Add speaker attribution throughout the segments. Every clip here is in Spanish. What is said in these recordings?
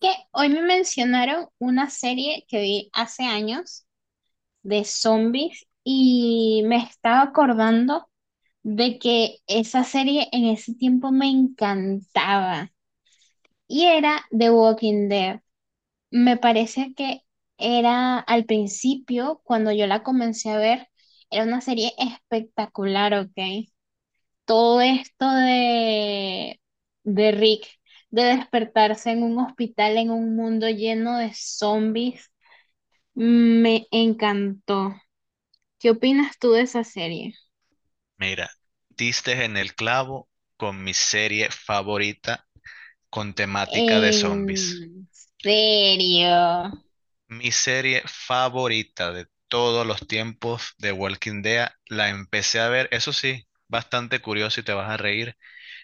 Speaker 1: Que hoy me mencionaron una serie que vi hace años de zombies y me estaba acordando de que esa serie en ese tiempo me encantaba y era The Walking Dead. Me parece que era al principio, cuando yo la comencé a ver, era una serie espectacular, ¿ok? Todo esto de Rick, de despertarse en un hospital, en un mundo lleno de zombies, me encantó. ¿Qué opinas tú de esa serie?
Speaker 2: Mira, diste en el clavo con mi serie favorita con temática de zombies.
Speaker 1: En serio.
Speaker 2: Mi serie favorita de todos los tiempos de Walking Dead la empecé a ver, eso sí, bastante curioso y te vas a reír.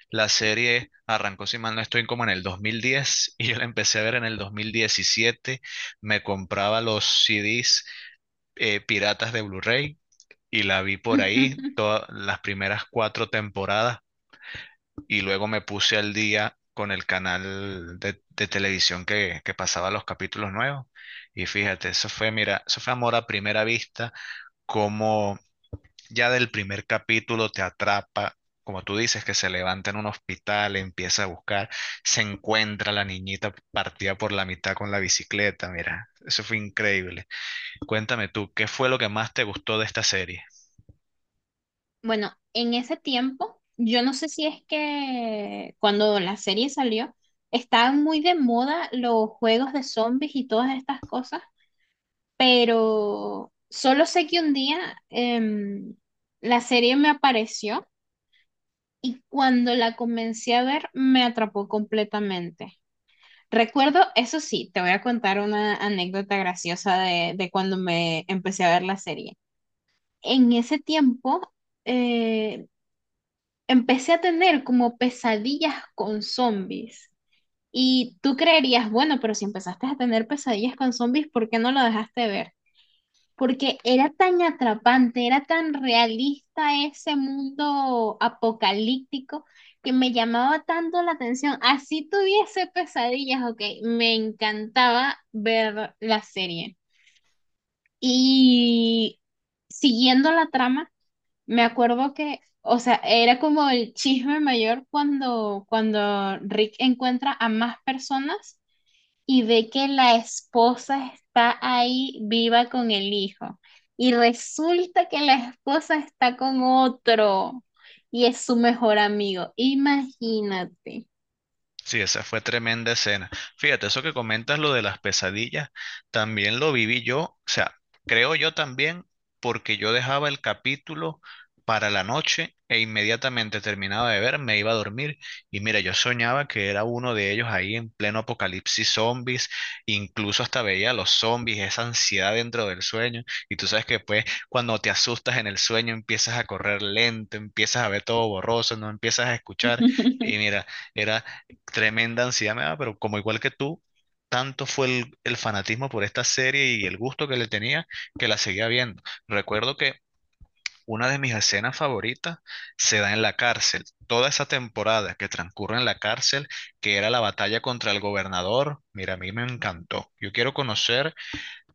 Speaker 2: La serie arrancó, si mal no estoy, como en el 2010 y yo la empecé a ver en el 2017. Me compraba los CDs piratas de Blu-ray y la vi por ahí todas las primeras 4 temporadas y luego me puse al día con el canal de televisión que pasaba los capítulos nuevos. Y fíjate, eso fue, mira, eso fue amor a primera vista, como ya del primer capítulo te atrapa, como tú dices, que se levanta en un hospital, empieza a buscar, se encuentra la niñita partida por la mitad con la bicicleta, mira, eso fue increíble. Cuéntame tú, ¿qué fue lo que más te gustó de esta serie?
Speaker 1: Bueno, en ese tiempo, yo no sé si es que cuando la serie salió, estaban muy de moda los juegos de zombies y todas estas cosas, pero solo sé que un día em, la serie me apareció y cuando la comencé a ver me atrapó completamente. Recuerdo, eso sí, te voy a contar una anécdota graciosa de cuando me empecé a ver la serie. En ese tiempo, eh, empecé a tener como pesadillas con zombies. Y tú creerías, bueno, pero si empezaste a tener pesadillas con zombies, ¿por qué no lo dejaste de ver? Porque era tan atrapante, era tan realista ese mundo apocalíptico que me llamaba tanto la atención. Así tuviese pesadillas, ok, me encantaba ver la serie. Y siguiendo la trama, me acuerdo que, o sea, era como el chisme mayor cuando Rick encuentra a más personas y ve que la esposa está ahí viva con el hijo. Y resulta que la esposa está con otro y es su mejor amigo. Imagínate.
Speaker 2: Sí, esa fue tremenda escena. Fíjate, eso que comentas, lo de las pesadillas, también lo viví yo, o sea, creo yo también, porque yo dejaba el capítulo para la noche e inmediatamente terminaba de ver, me iba a dormir y mira, yo soñaba que era uno de ellos ahí en pleno apocalipsis zombies, incluso hasta veía a los zombies, esa ansiedad dentro del sueño y tú sabes que pues cuando te asustas en el sueño empiezas a correr lento, empiezas a ver todo borroso, no empiezas a escuchar y mira, era tremenda ansiedad me daba, pero como igual que tú, tanto fue el fanatismo por esta serie y el gusto que le tenía que la seguía viendo. Recuerdo que una de mis escenas favoritas se da en la cárcel. Toda esa temporada que transcurre en la cárcel, que era la batalla contra el gobernador, mira, a mí me encantó. Yo quiero conocer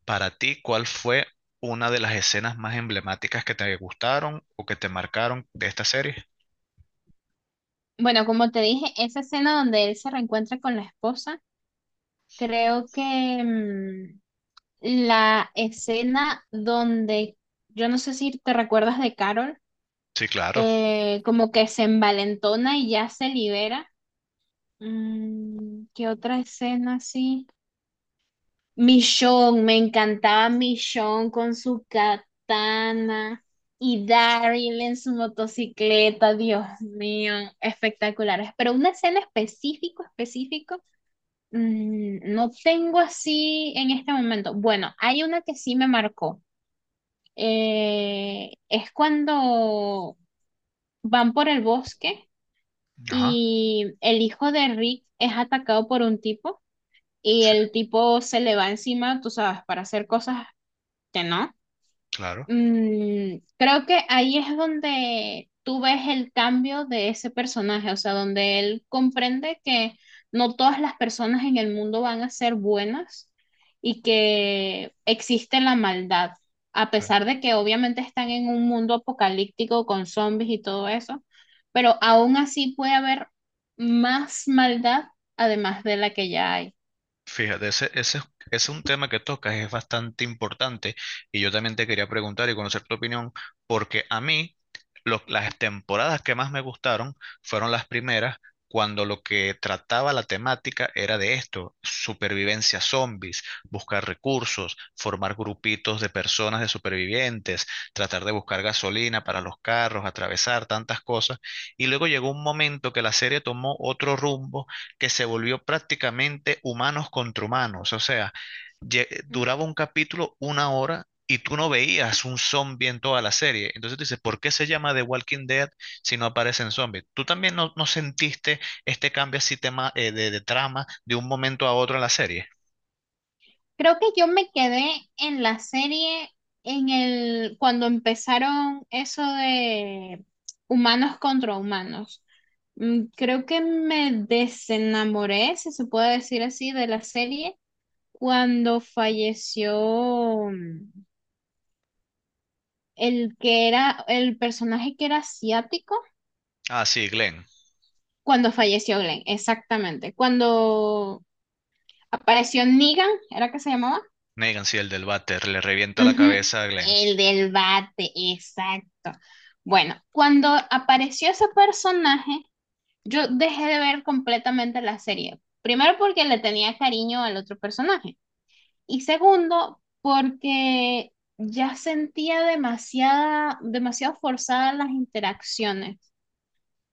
Speaker 2: para ti cuál fue una de las escenas más emblemáticas que te gustaron o que te marcaron de esta serie.
Speaker 1: Bueno, como te dije, esa escena donde él se reencuentra con la esposa, creo que mm, la escena donde, yo no sé si te recuerdas de Carol,
Speaker 2: Sí, claro.
Speaker 1: como que se envalentona y ya se libera. Mm, ¿qué otra escena así? Michonne, me encantaba Michonne con su katana y Daryl en su motocicleta, Dios mío, espectaculares. Pero una escena específico, específico, mm, no tengo así en este momento. Bueno, hay una que sí me marcó. Es cuando van por el bosque
Speaker 2: Ajá.
Speaker 1: y el hijo de Rick es atacado por un tipo y
Speaker 2: Sí,
Speaker 1: el tipo se le va encima, tú sabes, para hacer cosas que no.
Speaker 2: claro.
Speaker 1: Mm, creo que ahí es donde tú ves el cambio de ese personaje, o sea, donde él comprende que no todas las personas en el mundo van a ser buenas y que existe la maldad, a
Speaker 2: Claro.
Speaker 1: pesar de que obviamente están en un mundo apocalíptico con zombies y todo eso, pero aún así puede haber más maldad además de la que ya hay.
Speaker 2: Fíjate, ese es un tema que tocas, es bastante importante y yo también te quería preguntar y conocer tu opinión, porque a mí las temporadas que más me gustaron fueron las primeras, cuando lo que trataba la temática era de esto, supervivencia zombies, buscar recursos, formar grupitos de personas de supervivientes, tratar de buscar gasolina para los carros, atravesar tantas cosas, y luego llegó un momento que la serie tomó otro rumbo que se volvió prácticamente humanos contra humanos. O sea, duraba un capítulo una hora y tú no veías un zombie en toda la serie. Entonces tú dices, ¿por qué se llama The Walking Dead si no aparecen zombies? ¿Tú también no sentiste este cambio así tema, de trama de un momento a otro en la serie?
Speaker 1: Creo que yo me quedé en la serie en el cuando empezaron eso de humanos contra humanos. Mm, creo que me desenamoré, si se puede decir así, de la serie cuando falleció mm, el que era el personaje que era asiático,
Speaker 2: Ah, sí, Glenn.
Speaker 1: cuando falleció Glenn, exactamente. Cuando apareció Negan, ¿era que se llamaba?
Speaker 2: Negan, sí, el del váter, le revienta la
Speaker 1: Ujú,
Speaker 2: cabeza a Glenn.
Speaker 1: el del bate, exacto. Bueno, cuando apareció ese personaje, yo dejé de ver completamente la serie. Primero porque le tenía cariño al otro personaje. Y segundo, porque ya sentía demasiada, demasiado forzadas las interacciones.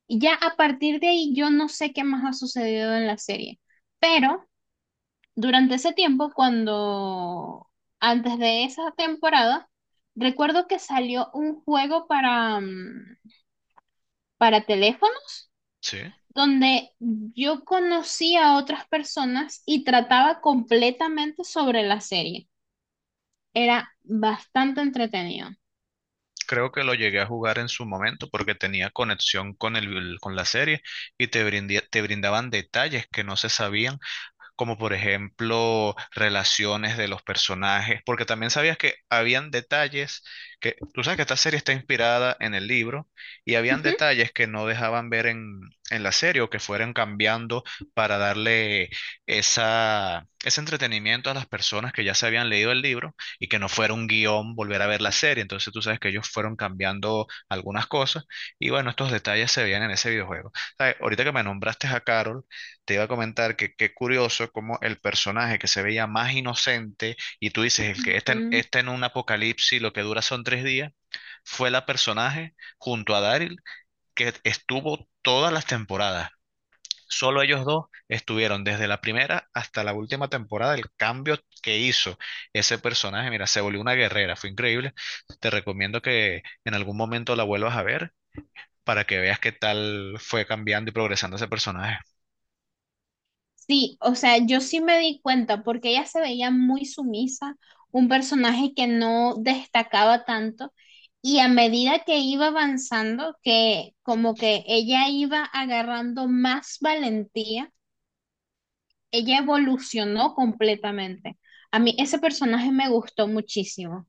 Speaker 1: Y ya a partir de ahí yo no sé qué más ha sucedido en la serie. Pero durante ese tiempo, cuando antes de esa temporada, recuerdo que salió un juego para, mm, para teléfono
Speaker 2: Sí.
Speaker 1: donde yo conocía a otras personas y trataba completamente sobre la serie. Era bastante entretenido.
Speaker 2: Creo que lo llegué a jugar en su momento porque tenía conexión con con la serie y te brindaban detalles que no se sabían como por ejemplo relaciones de los personajes, porque también sabías que habían detalles que, tú sabes que esta serie está inspirada en el libro y habían
Speaker 1: Ujú,
Speaker 2: detalles que no dejaban ver en la serie o que fueran cambiando para darle esa, ese entretenimiento a las personas que ya se habían leído el libro y que no fuera un guión volver a ver la serie. Entonces tú sabes que ellos fueron cambiando algunas cosas y bueno, estos detalles se veían en ese videojuego. ¿Sabes? Ahorita que me nombraste a Carol, te iba a comentar que qué curioso como el personaje que se veía más inocente y tú dices, el que está en,
Speaker 1: ujú.
Speaker 2: está en un apocalipsis, lo que dura son tres días, fue la personaje junto a Daryl que estuvo todas las temporadas. Solo ellos dos estuvieron desde la primera hasta la última temporada. El cambio que hizo ese personaje, mira, se volvió una guerrera, fue increíble. Te recomiendo que en algún momento la vuelvas a ver para que veas qué tal fue cambiando y progresando ese personaje.
Speaker 1: Sí, o sea, yo sí me di cuenta porque ella se veía muy sumisa, un personaje que no destacaba tanto y a medida que iba avanzando, que como que ella iba agarrando más valentía, ella evolucionó completamente. A mí ese personaje me gustó muchísimo.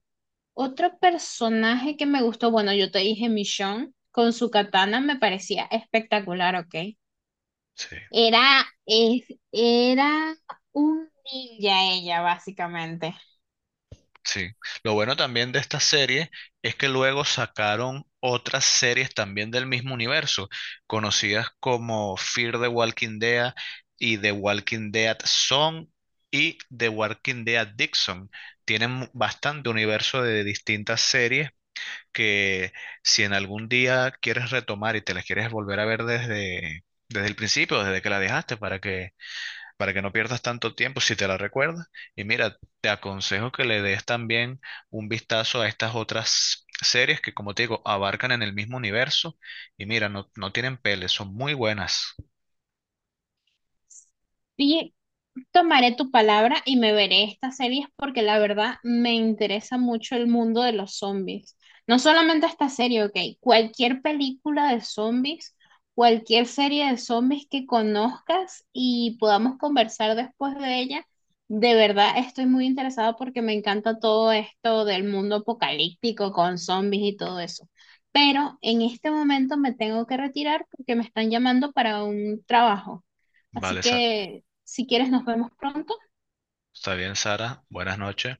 Speaker 1: Otro personaje que me gustó, bueno, yo te dije Michonne con su katana me parecía espectacular, ¿ok?
Speaker 2: Sí.
Speaker 1: Era, es, era un ninja ella, básicamente.
Speaker 2: Sí, lo bueno también de esta serie es que luego sacaron otras series también del mismo universo, conocidas como Fear the Walking Dead y The Walking Dead Zone y The Walking Dead Dixon. Tienen bastante universo de distintas series que si en algún día quieres retomar y te las quieres volver a ver desde, desde el principio, desde que la dejaste, para que no pierdas tanto tiempo si te la recuerdas. Y mira, te aconsejo que le des también un vistazo a estas otras series que, como te digo, abarcan en el mismo universo. Y mira, no, no tienen pele, son muy buenas.
Speaker 1: Sí, tomaré tu palabra y me veré estas series porque la verdad me interesa mucho el mundo de los zombies. No solamente esta serie, ok, cualquier película de zombies, cualquier serie de zombies que conozcas y podamos conversar después de ella, de verdad estoy muy interesada porque me encanta todo esto del mundo apocalíptico con zombies y todo eso. Pero en este momento me tengo que retirar porque me están llamando para un trabajo. Así
Speaker 2: Vale,
Speaker 1: que si quieres, nos vemos pronto.
Speaker 2: está bien, Sara. Buenas noches.